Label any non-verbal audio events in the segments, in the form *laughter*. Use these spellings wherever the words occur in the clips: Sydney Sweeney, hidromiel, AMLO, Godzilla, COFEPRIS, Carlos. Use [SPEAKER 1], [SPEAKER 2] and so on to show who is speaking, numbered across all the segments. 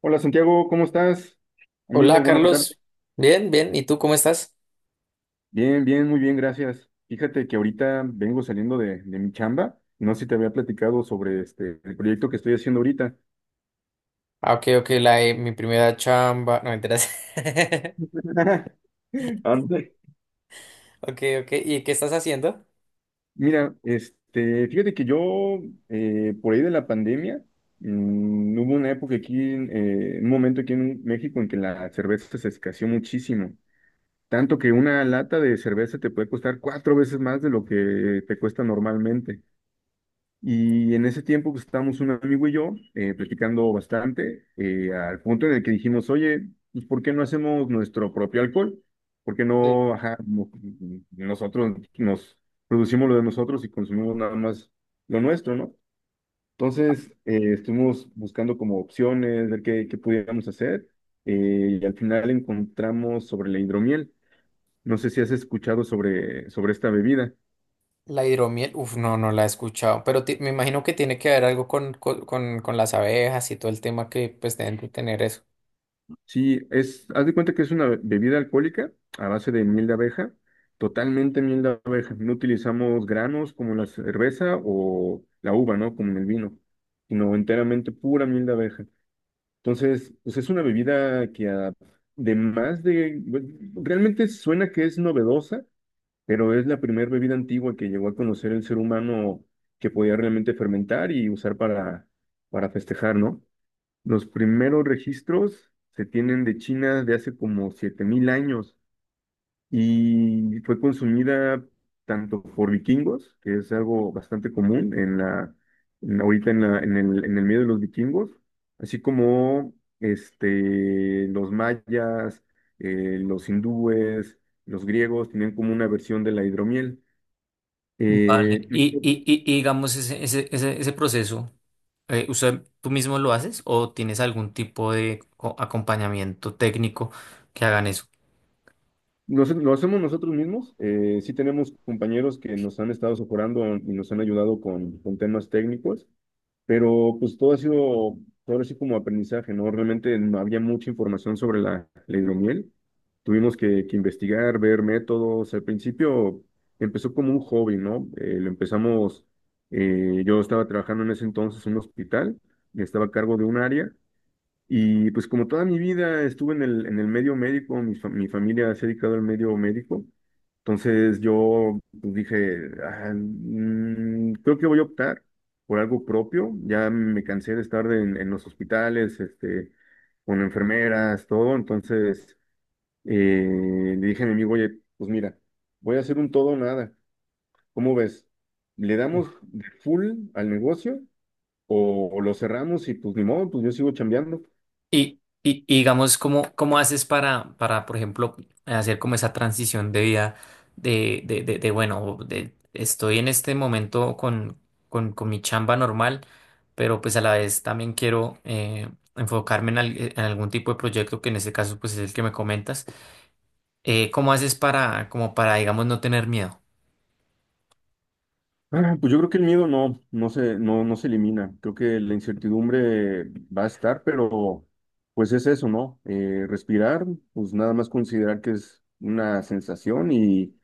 [SPEAKER 1] Hola Santiago, ¿cómo estás? Amigo,
[SPEAKER 2] Hola
[SPEAKER 1] buena tarde.
[SPEAKER 2] Carlos, bien, bien, ¿y tú cómo estás?
[SPEAKER 1] Bien, bien, muy bien, gracias. Fíjate que ahorita vengo saliendo de mi chamba. No sé si te había platicado sobre el proyecto que estoy haciendo ahorita.
[SPEAKER 2] Ah, ok, ok, la de mi primera chamba, no me enteras. *laughs*
[SPEAKER 1] *laughs* Ande.
[SPEAKER 2] Ok, ok, ¿y qué estás haciendo?
[SPEAKER 1] Mira, fíjate que por ahí de la pandemia, hubo una época aquí, un momento aquí en México en que la cerveza se escaseó muchísimo. Tanto que una lata de cerveza te puede costar cuatro veces más de lo que te cuesta normalmente. Y en ese tiempo pues, estábamos un amigo y yo platicando bastante, al punto en el que dijimos, oye, pues, ¿por qué no hacemos nuestro propio alcohol? ¿Por qué
[SPEAKER 2] Sí.
[SPEAKER 1] no, ajá, nosotros nos producimos lo de nosotros y consumimos nada más lo nuestro, ¿no? Entonces estuvimos buscando como opciones, ver qué pudiéramos hacer, y al final encontramos sobre la hidromiel. No sé si has escuchado sobre esta bebida.
[SPEAKER 2] La hidromiel, uf, no, no la he escuchado, pero me imagino que tiene que ver algo con, con las abejas y todo el tema que pues deben de tener eso.
[SPEAKER 1] Sí, haz de cuenta que es una bebida alcohólica a base de miel de abeja, totalmente miel de abeja. No utilizamos granos como la cerveza o la uva, ¿no? Como en el vino, sino enteramente pura miel de abeja. Entonces, pues es una bebida que además de, realmente suena que es novedosa, pero es la primera bebida antigua que llegó a conocer el ser humano que podía realmente fermentar y usar para festejar, ¿no? Los primeros registros se tienen de China de hace como 7,000 años y fue consumida tanto por vikingos, que es algo bastante común ahorita en el medio de los vikingos, así como los mayas, los hindúes, los griegos tienen como una versión de la hidromiel.
[SPEAKER 2] Vale.
[SPEAKER 1] Eh,
[SPEAKER 2] Y digamos, ese proceso, ¿usted tú mismo lo haces o tienes algún tipo de acompañamiento técnico que hagan eso?
[SPEAKER 1] Lo hacemos nosotros mismos. Sí tenemos compañeros que nos han estado socorando y nos han ayudado con temas técnicos, pero pues todo ha sido, todo así como aprendizaje, ¿no? Realmente no había mucha información sobre la hidromiel. Tuvimos que investigar, ver métodos. Al principio empezó como un hobby, ¿no? Lo empezamos, yo estaba trabajando en ese entonces en un hospital, estaba a cargo de un área. Y pues como toda mi vida estuve en el medio médico, mi familia se ha dedicado al medio médico, entonces yo pues, dije, "Ah, creo que voy a optar por algo propio, ya me cansé de estar en los hospitales, con enfermeras, todo. Entonces le dije a mi amigo, oye, pues mira, voy a hacer un todo o nada, ¿cómo ves? ¿Le damos de full al negocio o lo cerramos y pues ni modo, pues yo sigo chambeando?"
[SPEAKER 2] Y digamos, cómo haces para, por ejemplo, hacer como esa transición de vida de, estoy en este momento con mi chamba normal, pero pues a la vez también quiero enfocarme en, en algún tipo de proyecto que en este caso pues es el que me comentas. ¿Cómo haces para, como para, digamos, no tener miedo?
[SPEAKER 1] Ah, pues yo creo que el miedo no, no se elimina. Creo que la incertidumbre va a estar, pero pues es eso, ¿no? Respirar, pues nada más considerar que es una sensación, y,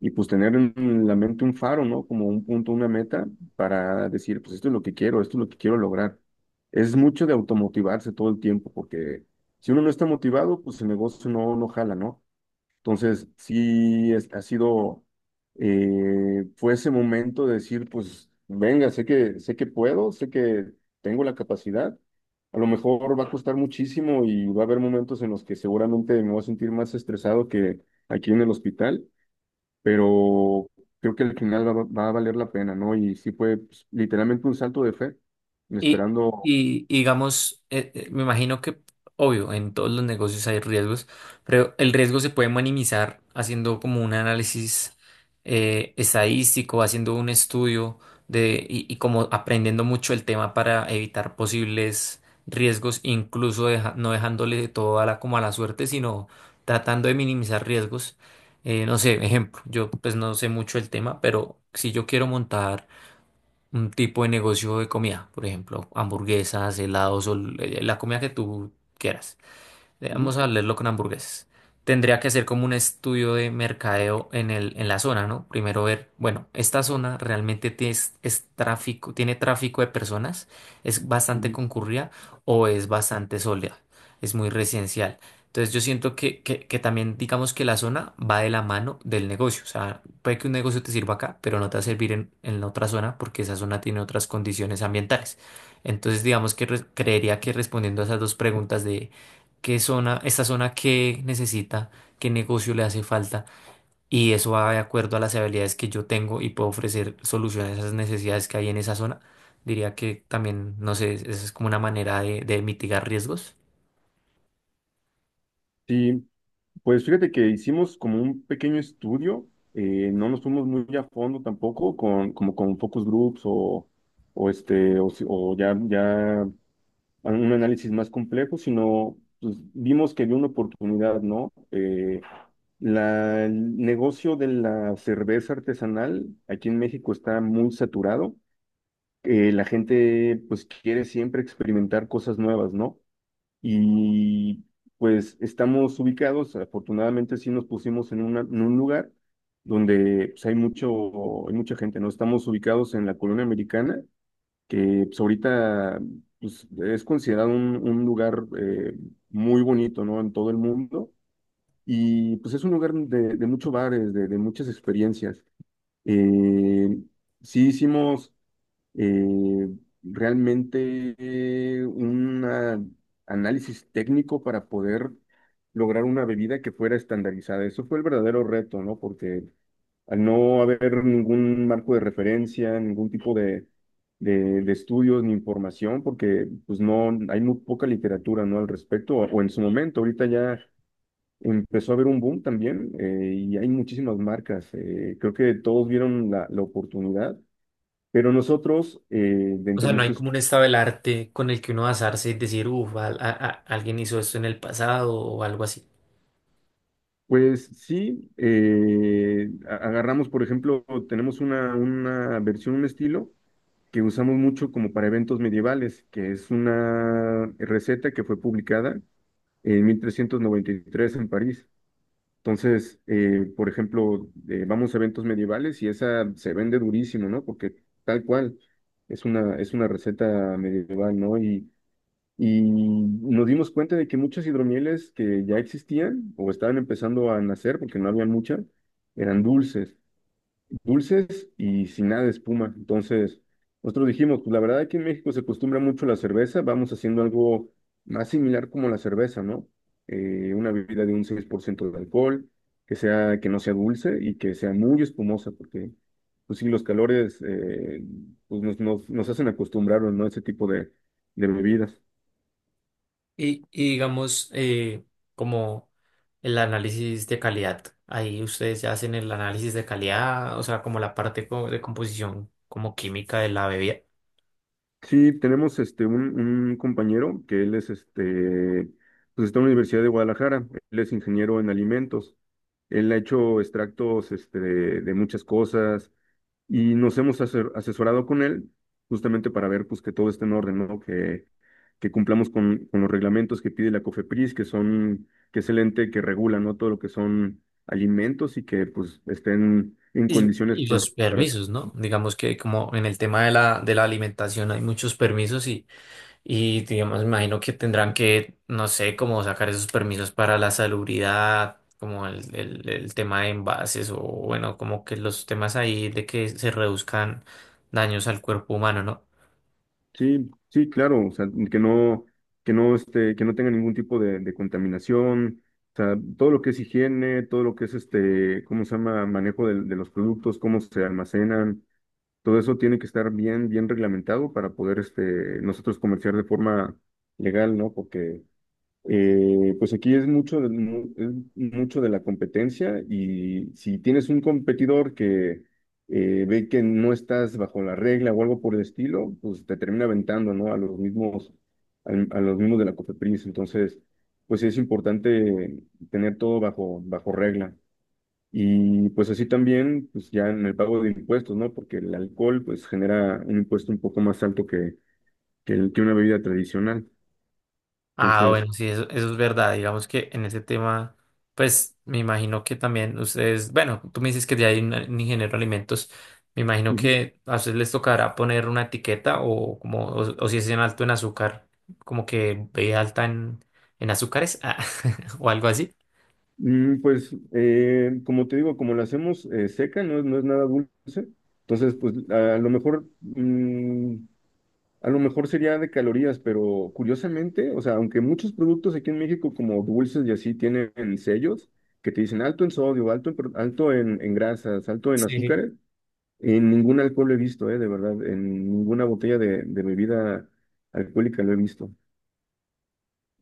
[SPEAKER 1] y pues tener en la mente un faro, ¿no? Como un punto, una meta para decir, pues esto es lo que quiero, esto es lo que quiero lograr. Es mucho de automotivarse todo el tiempo, porque si uno no está motivado, pues el negocio no jala, ¿no? Entonces, sí, fue ese momento de decir, pues, venga, sé que puedo, sé que tengo la capacidad. A lo mejor va a costar muchísimo y va a haber momentos en los que seguramente me voy a sentir más estresado que aquí en el hospital, pero creo que al final va a valer la pena, ¿no? Y sí fue pues, literalmente un salto de fe,
[SPEAKER 2] Y,
[SPEAKER 1] esperando.
[SPEAKER 2] y digamos, me imagino que, obvio, en todos los negocios hay riesgos, pero el riesgo se puede minimizar haciendo como un análisis estadístico, haciendo un estudio de, como aprendiendo mucho el tema para evitar posibles riesgos, incluso no dejándole todo a la, como a la suerte, sino tratando de minimizar riesgos. No sé, ejemplo, yo pues no sé mucho el tema, pero si yo quiero montar un tipo de negocio de comida, por ejemplo, hamburguesas, helados o la comida que tú quieras.
[SPEAKER 1] Ujú,
[SPEAKER 2] Vamos a leerlo con hamburguesas. Tendría que hacer como un estudio de mercadeo en la zona, ¿no? Primero ver, bueno, esta zona realmente tráfico, tiene tráfico de personas, es bastante
[SPEAKER 1] ujú.
[SPEAKER 2] concurrida o es bastante soleada, es muy residencial. Entonces yo siento que también digamos que la zona va de la mano del negocio. O sea, puede que un negocio te sirva acá, pero no te va a servir en la otra zona porque esa zona tiene otras condiciones ambientales. Entonces digamos que creería que respondiendo a esas dos preguntas de qué zona, esta zona qué necesita, qué negocio le hace falta. Y eso va de acuerdo a las habilidades que yo tengo y puedo ofrecer soluciones a esas necesidades que hay en esa zona. Diría que también, no sé, esa es como una manera de mitigar riesgos.
[SPEAKER 1] Sí, pues fíjate que hicimos como un pequeño estudio, no nos fuimos muy a fondo tampoco con, como con focus groups o este, o, si- o ya, ya un análisis más complejo, sino pues, vimos que había una oportunidad, ¿no? El negocio de la cerveza artesanal aquí en México está muy saturado. La gente pues quiere siempre experimentar cosas nuevas, ¿no? Y pues estamos ubicados, afortunadamente sí nos pusimos en un lugar donde pues, hay mucha gente, ¿no? Estamos ubicados en la colonia americana, que pues, ahorita pues, es considerado un lugar muy bonito, ¿no? En todo el mundo. Y pues es un lugar de muchos bares, de muchas experiencias. Eh, sí hicimos, eh, realmente, un, análisis técnico para poder lograr una bebida que fuera estandarizada. Eso fue el verdadero reto, ¿no? Porque al no haber ningún marco de referencia, ningún tipo de estudios ni información, porque pues no, hay muy poca literatura, ¿no? Al respecto, o en su momento, ahorita ya empezó a haber un boom también, y hay muchísimas marcas. Creo que todos vieron la oportunidad, pero nosotros,
[SPEAKER 2] O
[SPEAKER 1] dentro
[SPEAKER 2] sea,
[SPEAKER 1] de
[SPEAKER 2] no hay
[SPEAKER 1] nuestro
[SPEAKER 2] como un
[SPEAKER 1] estudio,
[SPEAKER 2] estado del arte con el que uno basarse y decir, uff, alguien hizo esto en el pasado o algo así.
[SPEAKER 1] pues sí, agarramos, por ejemplo, tenemos una versión, un estilo que usamos mucho como para eventos medievales, que es una receta que fue publicada en 1393 en París. Entonces, por ejemplo, vamos a eventos medievales y esa se vende durísimo, ¿no? Porque tal cual es una receta medieval, ¿no? Y nos dimos cuenta de que muchas hidromieles que ya existían o estaban empezando a nacer, porque no había muchas, eran dulces, dulces y sin nada de espuma. Entonces, nosotros dijimos, pues la verdad que en México se acostumbra mucho la cerveza, vamos haciendo algo más similar como la cerveza, ¿no? Una bebida de un 6% de alcohol, que sea, que no sea dulce y que sea muy espumosa, porque pues sí, los calores, pues, nos hacen acostumbrarnos, ¿no?, a ese tipo de bebidas.
[SPEAKER 2] Y digamos, como el análisis de calidad, ahí ustedes ya hacen el análisis de calidad, o sea, como la parte de composición como química de la bebida.
[SPEAKER 1] Sí, tenemos un compañero que él es, pues está en la Universidad de Guadalajara, él es ingeniero en alimentos, él ha hecho extractos, de muchas cosas, y nos hemos asesorado con él justamente para ver pues que todo esté en orden, ¿no? Que cumplamos con los reglamentos que pide la COFEPRIS, que es el ente que regula, ¿no?, todo lo que son alimentos, y que pues estén en
[SPEAKER 2] Y,
[SPEAKER 1] condiciones.
[SPEAKER 2] y los permisos, ¿no? Digamos que como en el tema de la alimentación hay muchos permisos y digamos, me imagino que tendrán que, no sé, como sacar esos permisos para la salubridad, como el tema de envases o bueno, como que los temas ahí de que se reduzcan daños al cuerpo humano, ¿no?
[SPEAKER 1] Sí, sí, claro, o sea, que no tenga ningún tipo de contaminación, o sea, todo lo que es higiene, todo lo que es, ¿cómo se llama? Manejo de los productos, cómo se almacenan, todo eso tiene que estar bien, bien reglamentado para poder, nosotros comerciar de forma legal, ¿no? Porque, pues aquí es mucho de la competencia, y si tienes un competidor que, ve que no estás bajo la regla o algo por el estilo, pues te termina aventando, ¿no?, a los mismos de la COFEPRIS. Entonces, pues sí es importante tener todo bajo regla. Y pues así también, pues ya en el pago de impuestos, ¿no? Porque el alcohol pues genera un impuesto un poco más alto que una bebida tradicional.
[SPEAKER 2] Ah,
[SPEAKER 1] Entonces.
[SPEAKER 2] bueno, sí, eso es verdad. Digamos que en ese tema, pues me imagino que también ustedes, bueno, tú me dices que ya hay un ingeniero de alimentos, me imagino que a ustedes les tocará poner una etiqueta o como, o si es en alto en azúcar, como que ve alta en azúcares ah, *laughs* o algo así.
[SPEAKER 1] Pues, como te digo, como la hacemos, seca, no, no es nada dulce, entonces, pues, a lo mejor sería de calorías, pero curiosamente, o sea, aunque muchos productos aquí en México, como dulces y así, tienen sellos que te dicen alto en sodio, alto en grasas, alto en
[SPEAKER 2] Sí.
[SPEAKER 1] azúcares, en ningún alcohol he visto, de verdad, en ninguna botella de bebida alcohólica lo he visto.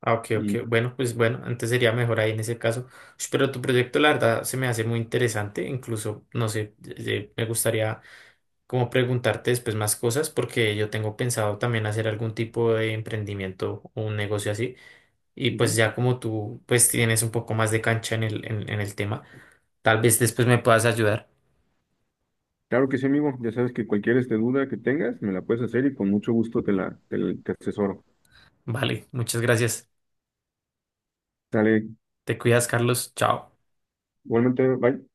[SPEAKER 2] Ah, ok, ok.
[SPEAKER 1] Y.
[SPEAKER 2] Bueno, pues bueno, antes sería mejor ahí en ese caso. Ush, pero tu proyecto, la verdad, se me hace muy interesante. Incluso, no sé, me gustaría como preguntarte después más cosas porque yo tengo pensado también hacer algún tipo de emprendimiento o un negocio así y pues ya como tú pues tienes un poco más de cancha en el tema, tal vez después me puedas ayudar.
[SPEAKER 1] Claro que sí, amigo. Ya sabes que cualquier duda que tengas, me la puedes hacer, y con mucho gusto te asesoro.
[SPEAKER 2] Vale, muchas gracias.
[SPEAKER 1] Sale,
[SPEAKER 2] Te cuidas, Carlos. Chao.
[SPEAKER 1] igualmente, bye.